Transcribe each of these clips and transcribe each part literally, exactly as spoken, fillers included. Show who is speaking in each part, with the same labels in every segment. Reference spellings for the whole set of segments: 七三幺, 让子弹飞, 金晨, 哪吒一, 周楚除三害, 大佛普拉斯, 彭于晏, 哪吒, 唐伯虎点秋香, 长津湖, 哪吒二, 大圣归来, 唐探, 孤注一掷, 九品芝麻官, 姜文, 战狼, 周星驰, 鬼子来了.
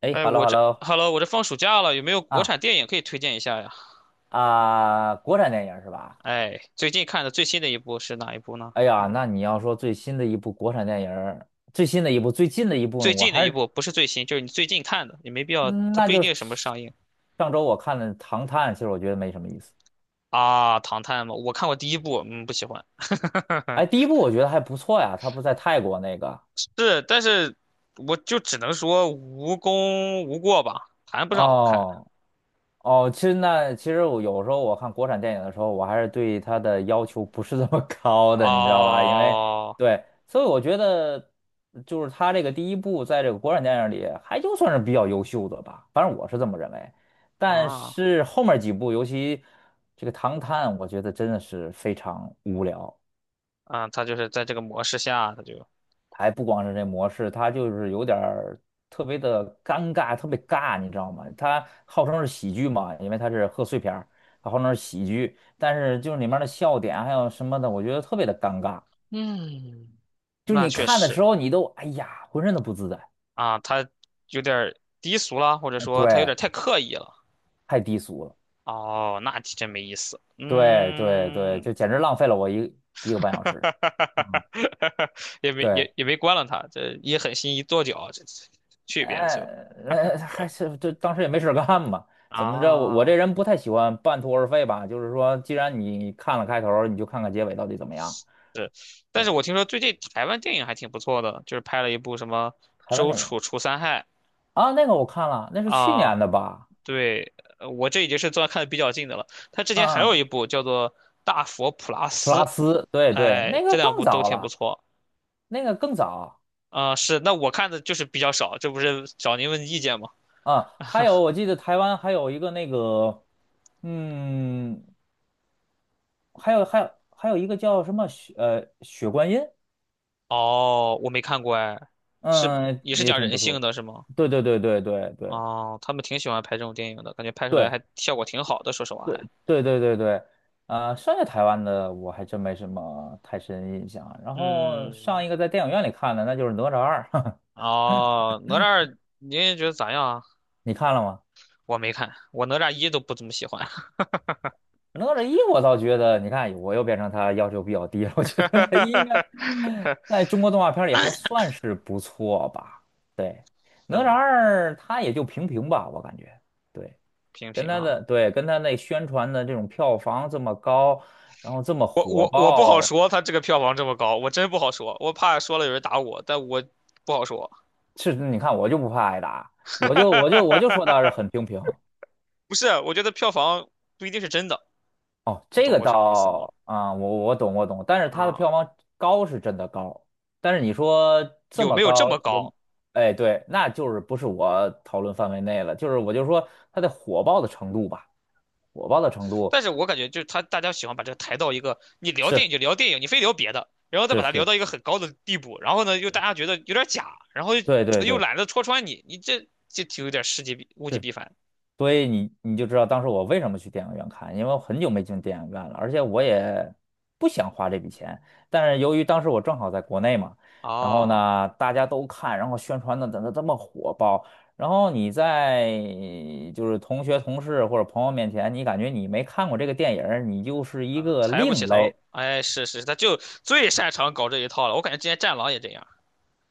Speaker 1: 哎
Speaker 2: 哎，
Speaker 1: ，hello
Speaker 2: 我这
Speaker 1: hello
Speaker 2: h e 我这放暑假了，有没有国
Speaker 1: 啊
Speaker 2: 产电影可以推荐一下呀？
Speaker 1: 啊，国产电影儿是吧？
Speaker 2: 哎，最近看的最新的一部是哪一部呢？
Speaker 1: 哎呀，那你要说最新的一部国产电影儿最新的一部，最近的一部，
Speaker 2: 最
Speaker 1: 我
Speaker 2: 近的
Speaker 1: 还
Speaker 2: 一部
Speaker 1: 是，
Speaker 2: 不是最新，就是你最近看的，也没必要，
Speaker 1: 嗯
Speaker 2: 它
Speaker 1: 那
Speaker 2: 不一
Speaker 1: 就是
Speaker 2: 定什么上映
Speaker 1: 上周我看的《唐探》，其实我觉得没什么意思。
Speaker 2: 啊。唐探嘛，我看过第一部，嗯，不喜欢。
Speaker 1: 哎，第一部我觉得还不错呀，它不是在泰国那个
Speaker 2: 是，但是我就只能说无功无过吧，谈不上好看。
Speaker 1: 哦，哦，其实那其实我有时候我看国产电影的时候，我还是对它的要求不是这么 高的，你知道吧？因为
Speaker 2: 哦。
Speaker 1: 对，所以我觉得就是它这个第一部在这个国产电影里还就算是比较优秀的吧，反正我是这么认为。但
Speaker 2: 啊。
Speaker 1: 是后面几部，尤其这个《唐探》，我觉得真的是非常无聊。
Speaker 2: 嗯。它就是在这个模式下，它就，
Speaker 1: 还不光是这模式，它就是有点儿特别的尴尬，特别尬，你知道吗？它号称是喜剧嘛，因为它是贺岁片儿，它号称是喜剧，但是就是里面的笑点还有什么的，我觉得特别的尴尬。
Speaker 2: 嗯，
Speaker 1: 就是
Speaker 2: 那
Speaker 1: 你
Speaker 2: 确
Speaker 1: 看的
Speaker 2: 实。
Speaker 1: 时候，你都哎呀，浑身都不自在。
Speaker 2: 啊，他有点儿低俗了，或者
Speaker 1: 哎
Speaker 2: 说他有
Speaker 1: 对，
Speaker 2: 点儿太刻意了。
Speaker 1: 太低俗了。
Speaker 2: 哦，那真没意思。
Speaker 1: 对对对，
Speaker 2: 嗯。
Speaker 1: 就简直浪费了我一一个半小时。嗯，
Speaker 2: 也没
Speaker 1: 对。
Speaker 2: 也也没关了他，这一狠心一跺脚，这这去一边子
Speaker 1: 哎，
Speaker 2: 去吧。
Speaker 1: 呃，还是就当时也没事儿干嘛，怎么着？我我这
Speaker 2: 啊，
Speaker 1: 人不太喜欢半途而废吧，就是说，既然你看了开头儿你就看看结尾到底怎么样。
Speaker 2: 是，但
Speaker 1: 对，
Speaker 2: 是我听说最近台湾电影还挺不错的，就是拍了一部什么
Speaker 1: 台湾
Speaker 2: 《周
Speaker 1: 电影
Speaker 2: 楚除三害》
Speaker 1: 啊，那个我看了，那是去
Speaker 2: 啊，
Speaker 1: 年的吧？
Speaker 2: 对，呃我这已经是算看的比较近的了。他之前还有
Speaker 1: 嗯，
Speaker 2: 一部叫做《大佛普拉
Speaker 1: 普
Speaker 2: 斯》，
Speaker 1: 拉斯，对对，
Speaker 2: 哎，
Speaker 1: 那个
Speaker 2: 这两
Speaker 1: 更
Speaker 2: 部都
Speaker 1: 早
Speaker 2: 挺不
Speaker 1: 了，
Speaker 2: 错。
Speaker 1: 那个更早
Speaker 2: 啊、是，那我看的就是比较少，这不是找您问意见吗？
Speaker 1: 啊。还有，我记得台湾还有一个那个，嗯，还有还有还有一个叫什么雪呃雪观音，
Speaker 2: 哦，我没看过哎，是
Speaker 1: 嗯，
Speaker 2: 也是
Speaker 1: 也
Speaker 2: 讲
Speaker 1: 挺
Speaker 2: 人
Speaker 1: 不错。
Speaker 2: 性的是吗？
Speaker 1: 对对对对对对。
Speaker 2: 哦，他们挺喜欢拍这种电影的，感觉拍出来
Speaker 1: 对
Speaker 2: 还效果挺好的，说实话
Speaker 1: 对
Speaker 2: 还。
Speaker 1: 对对对对，呃，剩下台湾的我还真没什么太深印象啊。然后
Speaker 2: 嗯，
Speaker 1: 上一个在电影院里看的，那就是《哪吒二》，
Speaker 2: 哦，哪吒二您觉得咋样啊？
Speaker 1: 你看了吗？
Speaker 2: 我没看，我哪吒一都不怎么喜欢，
Speaker 1: 《哪吒一》我倒觉得，你看我又变成他要求比较低了。我觉得《他应该 在中国动画片里还算是不错吧？对，《哪
Speaker 2: 是
Speaker 1: 吒
Speaker 2: 吗？
Speaker 1: 二》它也就平平吧，我感觉。对，
Speaker 2: 平
Speaker 1: 跟
Speaker 2: 平
Speaker 1: 他
Speaker 2: 哈、
Speaker 1: 的对跟他那宣传的这种票房这么高，然后这么
Speaker 2: 我
Speaker 1: 火
Speaker 2: 我我不好
Speaker 1: 爆。
Speaker 2: 说，他这个票房这么高，我真不好说，我怕说了有人打我，但我不好说。
Speaker 1: 是，你看我就不怕挨打，我就我就我就说他是 很平平。
Speaker 2: 不是，我觉得票房不一定是真的，
Speaker 1: 哦，
Speaker 2: 你
Speaker 1: 这
Speaker 2: 懂
Speaker 1: 个
Speaker 2: 我什么意思吗？
Speaker 1: 倒啊、我我懂我懂，但是它的
Speaker 2: 啊，
Speaker 1: 票房高是真的高，但是你说这
Speaker 2: 有
Speaker 1: 么
Speaker 2: 没有这
Speaker 1: 高
Speaker 2: 么
Speaker 1: 有，
Speaker 2: 高？
Speaker 1: 哎对，那就是不是我讨论范围内了，就是我就说它的火爆的程度吧，火爆的程度
Speaker 2: 但是我感觉就是他大家喜欢把这个抬到一个，你聊电
Speaker 1: 是
Speaker 2: 影就聊电影，你非聊别的，然后再把
Speaker 1: 是
Speaker 2: 它聊
Speaker 1: 是，
Speaker 2: 到一个很高的地步，然后呢又大家觉得有点假，然后又
Speaker 1: 对对
Speaker 2: 又
Speaker 1: 对，
Speaker 2: 懒得戳穿你，你这这挺有点事极必物极
Speaker 1: 是
Speaker 2: 必反
Speaker 1: 所以你你就知道当时我为什么去电影院看，因为我很久没进电影院了，而且我也不想花这笔钱。但是由于当时我正好在国内嘛，然后
Speaker 2: 哦，
Speaker 1: 呢大家都看，然后宣传的怎么这么火爆，然后你在就是同学、同事或者朋友面前，你感觉你没看过这个电影儿你就是一
Speaker 2: 啊，
Speaker 1: 个
Speaker 2: 抬不
Speaker 1: 另
Speaker 2: 起头，
Speaker 1: 类。
Speaker 2: 哎，是是，他就最擅长搞这一套了，我感觉之前战狼也这样，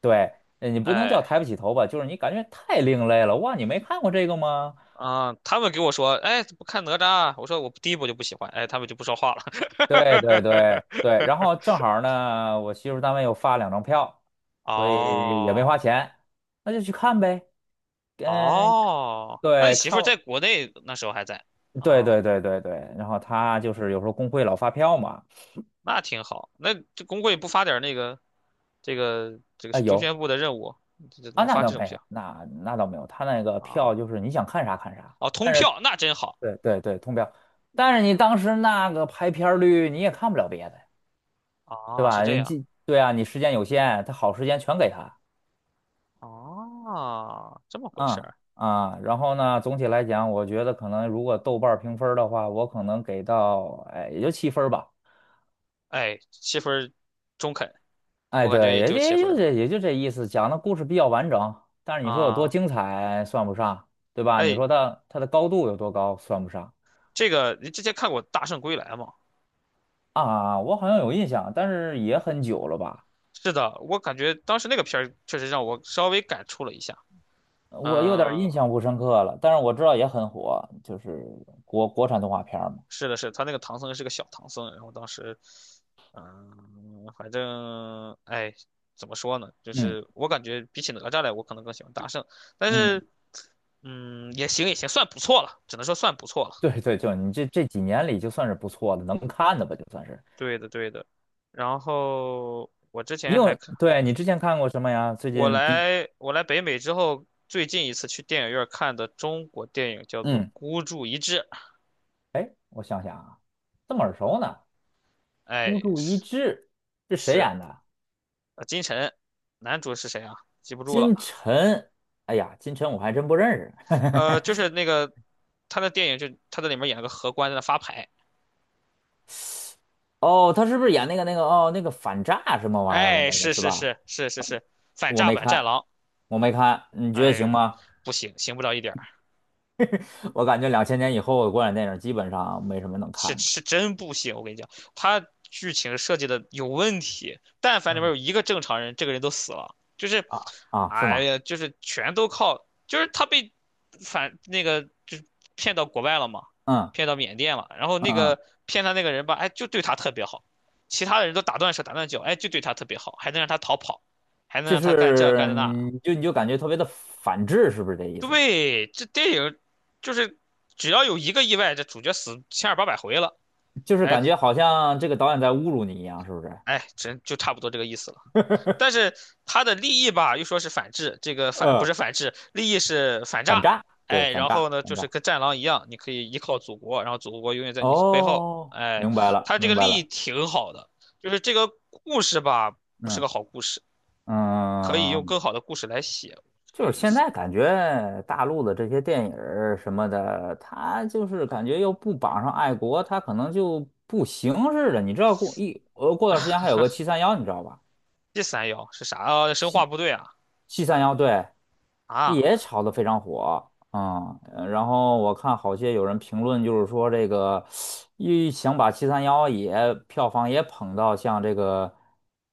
Speaker 1: 对，呃你不能叫抬
Speaker 2: 哎。
Speaker 1: 不起头吧，就是你感觉太另类了。哇，你没看过这个吗？
Speaker 2: 啊，他们给我说，哎，不看哪吒啊？我说我第一部就不喜欢，哎，他们就不说话了。
Speaker 1: 对对对对，然后 正好呢，我媳妇单位又发两张票。所以也没花
Speaker 2: 哦
Speaker 1: 钱，那就去看呗。嗯，
Speaker 2: 哦，那你
Speaker 1: 对，
Speaker 2: 媳妇
Speaker 1: 看，
Speaker 2: 儿在国内那时候还在
Speaker 1: 对
Speaker 2: 啊？
Speaker 1: 对对对对。然后他就
Speaker 2: 哦，
Speaker 1: 是有时候工会老发票嘛，
Speaker 2: 那挺好。那这工会不发点儿那个这个这个
Speaker 1: 啊、
Speaker 2: 中
Speaker 1: 有
Speaker 2: 宣部的任务，这这怎
Speaker 1: 啊，
Speaker 2: 么
Speaker 1: 那
Speaker 2: 发
Speaker 1: 倒
Speaker 2: 这种
Speaker 1: 没，
Speaker 2: 票
Speaker 1: 那那倒没有。他那个
Speaker 2: 啊？
Speaker 1: 票就是你想看啥看啥，
Speaker 2: 哦，通
Speaker 1: 但是
Speaker 2: 票那真好
Speaker 1: 对对对，通票。但是你当时那个排片儿率，你也看不了别的，对
Speaker 2: 啊，是
Speaker 1: 吧？
Speaker 2: 这
Speaker 1: 你
Speaker 2: 样
Speaker 1: 这对啊，你时间有限，他好时间全给他，
Speaker 2: 啊，这么回事
Speaker 1: 嗯
Speaker 2: 儿。
Speaker 1: 啊。然后呢，总体来讲，我觉得可能如果豆瓣儿评分儿的话，我可能给到哎也就七分儿吧。
Speaker 2: 哎，七分儿中肯，
Speaker 1: 哎，
Speaker 2: 我感觉
Speaker 1: 对，
Speaker 2: 也
Speaker 1: 也
Speaker 2: 就七
Speaker 1: 也
Speaker 2: 分儿
Speaker 1: 就这
Speaker 2: 了
Speaker 1: 也就这意思，讲的故事比较完整，但是你说有多
Speaker 2: 啊。
Speaker 1: 精彩算不上，对吧？你
Speaker 2: 哎，
Speaker 1: 说它它的高度有多高算不上
Speaker 2: 这个你之前看过《大圣归来》吗？
Speaker 1: 啊？我好像有印象，但是也很久了吧，
Speaker 2: 是的，我感觉当时那个片儿确实让我稍微感触了一下。
Speaker 1: 呃我有点印
Speaker 2: 嗯、
Speaker 1: 象不深刻了。但是我知道也很火，就是国国产动画片儿嘛。
Speaker 2: 是的，是他那个唐僧是个小唐僧，然后当时，嗯、反正哎，怎么说呢？就
Speaker 1: 嗯
Speaker 2: 是我感觉比起哪吒来，我可能更喜欢大圣，但
Speaker 1: 嗯，
Speaker 2: 是，嗯，也行也行，算不错了，只能说算不错了。
Speaker 1: 对对，就你这这几年里就算是不错的，能看的吧，就算是。
Speaker 2: 对的对的。然后我之
Speaker 1: 你
Speaker 2: 前还
Speaker 1: 有，
Speaker 2: 看
Speaker 1: 对，你之前看过什么呀？最
Speaker 2: 我
Speaker 1: 近比，
Speaker 2: 来我来北美之后，最近一次去电影院看的中国电影叫做
Speaker 1: 嗯，
Speaker 2: 《孤注一掷》，
Speaker 1: 哎，我想想啊，这么耳熟呢。
Speaker 2: 哎，
Speaker 1: 孤注一
Speaker 2: 是
Speaker 1: 掷是谁
Speaker 2: 是
Speaker 1: 演的？
Speaker 2: 呃金晨，男主是谁啊？记不住了，
Speaker 1: 金晨。哎呀，金晨我还真不认识。
Speaker 2: 呃，就是 那个他的电影就他在里面演了个荷官在那发牌，
Speaker 1: 哦，他是不是演那个那个哦那个反诈什么玩意儿的
Speaker 2: 哎，
Speaker 1: 那个
Speaker 2: 是
Speaker 1: 是
Speaker 2: 是
Speaker 1: 吧？
Speaker 2: 是是是是反
Speaker 1: 我
Speaker 2: 诈
Speaker 1: 没
Speaker 2: 版战
Speaker 1: 看，
Speaker 2: 狼，
Speaker 1: 我没看，你觉得行
Speaker 2: 哎，
Speaker 1: 吗？
Speaker 2: 不行，行不了一点儿。
Speaker 1: 我感觉两千年以后的国产电影基本上没什么能看
Speaker 2: 是
Speaker 1: 的
Speaker 2: 是真不行，我跟你讲，他剧情设计的有问题，但凡里面
Speaker 1: 嗯，
Speaker 2: 有一个正常人，这个人都死了，就是，
Speaker 1: 啊啊，是
Speaker 2: 哎
Speaker 1: 吗？
Speaker 2: 呀，就是全都靠，就是他被反那个就是骗到国外了嘛，
Speaker 1: 嗯
Speaker 2: 骗到缅甸了，然后那
Speaker 1: 嗯嗯，
Speaker 2: 个骗他那个人吧，哎，就对他特别好，其他的人都打断手打断脚，哎，就对他特别好，还能让他逃跑，还能
Speaker 1: 就
Speaker 2: 让他干这干
Speaker 1: 是
Speaker 2: 的那，
Speaker 1: 你就你就感觉特别的反制，是不是这意思？
Speaker 2: 对，这电影就是只要有一个意外，这主角死千儿八百回了。
Speaker 1: 就是
Speaker 2: 哎，
Speaker 1: 感觉好像这个导演在侮辱你一样，是不是？
Speaker 2: 哎，真就差不多这个意思了。但 是他的利益吧，又说是反制，这个反不
Speaker 1: 嗯，
Speaker 2: 是反制，利益是反
Speaker 1: 反
Speaker 2: 诈。
Speaker 1: 诈，对，
Speaker 2: 哎，
Speaker 1: 反
Speaker 2: 然
Speaker 1: 诈，
Speaker 2: 后呢，
Speaker 1: 反
Speaker 2: 就
Speaker 1: 诈。
Speaker 2: 是跟战狼一样，你可以依靠祖国，然后祖国永远在你背后。
Speaker 1: 哦，
Speaker 2: 哎，
Speaker 1: 明白了，
Speaker 2: 他这个
Speaker 1: 明白
Speaker 2: 利益
Speaker 1: 了。
Speaker 2: 挺好的，就是这个故事吧，不是
Speaker 1: 嗯
Speaker 2: 个好故事，可以用
Speaker 1: 嗯，
Speaker 2: 更好的故事来写，是这
Speaker 1: 就是
Speaker 2: 个意
Speaker 1: 现
Speaker 2: 思。
Speaker 1: 在感觉大陆的这些电影儿什么的，它就是感觉又不绑上爱国，它可能就不行似的。你知道过一呃，过段时间还有个七三幺，你知道吧？
Speaker 2: 第三爻是啥？啊，生化部队啊
Speaker 1: 七三幺对也
Speaker 2: 啊
Speaker 1: 炒得非常火啊、嗯呃然后我看好些有人评论，就是说这个一想把七三幺也票房也捧到像这个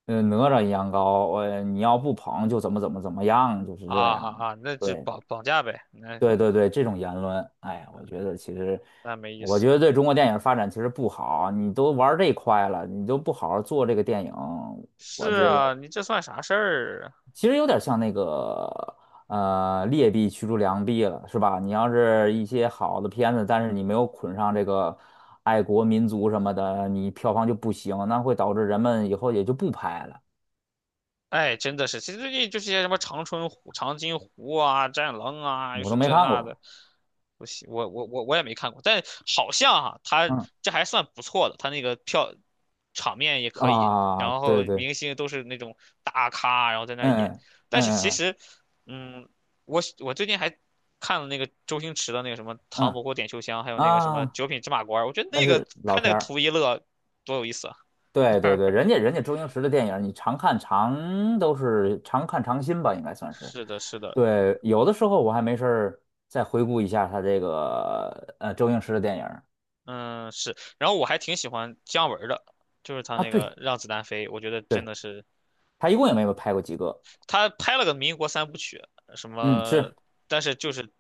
Speaker 1: 呃哪吒一样高，呃你要不捧就怎么怎么怎么样，就是
Speaker 2: 啊
Speaker 1: 这样。
Speaker 2: 啊啊！那就
Speaker 1: 对
Speaker 2: 绑绑架呗，那
Speaker 1: 对对对，这种言论，哎，我觉得其实，
Speaker 2: 那没意
Speaker 1: 我
Speaker 2: 思。
Speaker 1: 觉得对中国电影发展其实不好。你都玩儿这块了，你都不好好做这个电影，
Speaker 2: 是
Speaker 1: 我觉得。
Speaker 2: 啊，你这算啥事儿啊？
Speaker 1: 其实有点像那个呃劣币驱逐良币了，是吧？你要是一些好的片子，但是你没有捆上这个爱国民族什么的，你票房就不行，那会导致人们以后也就不拍了。
Speaker 2: 哎，真的是，其实最近就是些什么长春湖、长津湖啊、战狼啊，又
Speaker 1: 我都
Speaker 2: 是
Speaker 1: 没
Speaker 2: 这
Speaker 1: 看
Speaker 2: 那
Speaker 1: 过，
Speaker 2: 的，我喜我我我我也没看过，但好像哈、他
Speaker 1: 嗯
Speaker 2: 这还算不错的，他那个票场面也可以，
Speaker 1: 啊，
Speaker 2: 然后
Speaker 1: 对对，
Speaker 2: 明星都是那种大咖，然后在那儿演，
Speaker 1: 嗯
Speaker 2: 但是
Speaker 1: 嗯
Speaker 2: 其
Speaker 1: 嗯
Speaker 2: 实，嗯，我我最近还看了那个周星驰的那个什么《唐
Speaker 1: 嗯
Speaker 2: 伯虎点秋香》，还有那个什么
Speaker 1: 啊，
Speaker 2: 《九品芝麻官》，我觉得
Speaker 1: 那
Speaker 2: 那个
Speaker 1: 是老
Speaker 2: 看那
Speaker 1: 片
Speaker 2: 个
Speaker 1: 儿，
Speaker 2: 图一乐，多有意思啊！
Speaker 1: 对对对，人家人家周星驰的电影，你常看常都是常看常新吧，应该算是。
Speaker 2: 是的，是的，
Speaker 1: 对，有的时候我还没事儿再回顾一下他这个呃周星驰的电影儿
Speaker 2: 嗯，是。然后我还挺喜欢姜文儿的，就是他
Speaker 1: 啊，
Speaker 2: 那个
Speaker 1: 对
Speaker 2: 《让子弹飞》，我觉得真
Speaker 1: 对，
Speaker 2: 的是
Speaker 1: 他一共也没有拍过几个，
Speaker 2: 他拍了个民国三部曲，什
Speaker 1: 嗯，
Speaker 2: 么，
Speaker 1: 是，
Speaker 2: 但是就是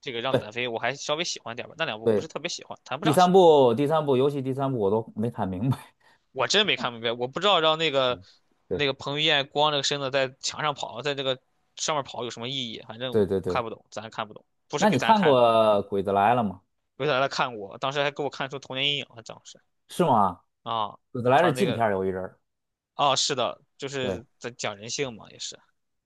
Speaker 2: 这个《让子
Speaker 1: 对
Speaker 2: 弹飞》，我还稍微喜欢点儿吧，那两部不
Speaker 1: 对，
Speaker 2: 是特别喜欢，谈不
Speaker 1: 第
Speaker 2: 上
Speaker 1: 三
Speaker 2: 喜欢。
Speaker 1: 部第三部，尤其第三部我都没看明白，
Speaker 2: 我真没看明白，我不知道让那个
Speaker 1: 嗯 对
Speaker 2: 那个彭于晏光着个身子在墙上跑，在这个上面跑有什么意义，反正
Speaker 1: 对对
Speaker 2: 看
Speaker 1: 对，
Speaker 2: 不懂，咱看不懂，不是
Speaker 1: 那
Speaker 2: 给
Speaker 1: 你
Speaker 2: 咱
Speaker 1: 看
Speaker 2: 看
Speaker 1: 过
Speaker 2: 的，
Speaker 1: 《鬼子来了》吗？
Speaker 2: 为啥来看我？当时还给我看出童年阴影了，当时
Speaker 1: 是吗？
Speaker 2: 啊，
Speaker 1: 《鬼子来了》
Speaker 2: 他
Speaker 1: 是
Speaker 2: 那
Speaker 1: 禁片
Speaker 2: 个
Speaker 1: 儿有一阵儿，
Speaker 2: 哦，是的，就
Speaker 1: 对
Speaker 2: 是在讲人性嘛，也是，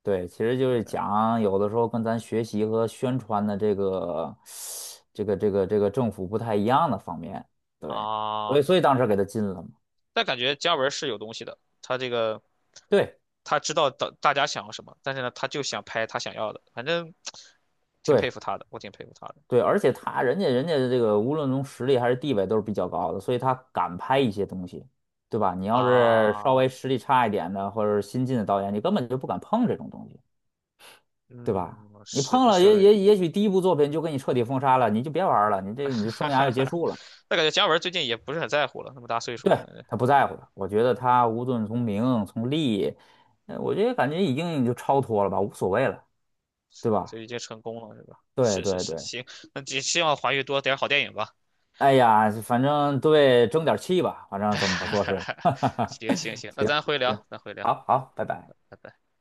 Speaker 1: 对，其实就是
Speaker 2: 嗯
Speaker 1: 讲有的时候跟咱学习和宣传的这个 这个这个这个政府不太一样的方面，对，
Speaker 2: 啊，
Speaker 1: 所以所以当时给他禁了嘛。
Speaker 2: 但感觉姜文是有东西的，他这个
Speaker 1: 对。
Speaker 2: 他知道大大家想要什么，但是呢，他就想拍他想要的，反正挺佩
Speaker 1: 对
Speaker 2: 服他的，我挺佩服他的
Speaker 1: 对，而且他人家人家的这个无论从实力还是地位都是比较高的，所以他敢拍一些东西，对吧？你要是稍
Speaker 2: 啊，
Speaker 1: 微实力差一点的或者是新晋的导演，你根本就不敢碰这种东西，对吧？
Speaker 2: 嗯，
Speaker 1: 你
Speaker 2: 是
Speaker 1: 碰
Speaker 2: 你
Speaker 1: 了
Speaker 2: 说
Speaker 1: 也
Speaker 2: 的，
Speaker 1: 也也许第一部作品就给你彻底封杀了，你就别玩儿了，你这你这
Speaker 2: 哈
Speaker 1: 生涯
Speaker 2: 哈
Speaker 1: 就结
Speaker 2: 哈，
Speaker 1: 束了。
Speaker 2: 但感觉姜文最近也不是很在乎了，那么大岁数了，
Speaker 1: 对，
Speaker 2: 反正
Speaker 1: 他不在乎了，我觉得他无论从名从利，呃我觉得感觉已经就超脱了吧，无所谓了，对
Speaker 2: 是就
Speaker 1: 吧？
Speaker 2: 已经成功了，是吧？
Speaker 1: 对
Speaker 2: 是是
Speaker 1: 对
Speaker 2: 是，
Speaker 1: 对。
Speaker 2: 行，那只希望华语多点好电影吧，
Speaker 1: 哎呀，反正对，争点气吧，反正怎么说是，哈哈哈，
Speaker 2: 行行行，那
Speaker 1: 行
Speaker 2: 咱回聊，
Speaker 1: 行，
Speaker 2: 咱回聊，
Speaker 1: 好
Speaker 2: 嗯，
Speaker 1: 好，拜拜。
Speaker 2: 拜拜。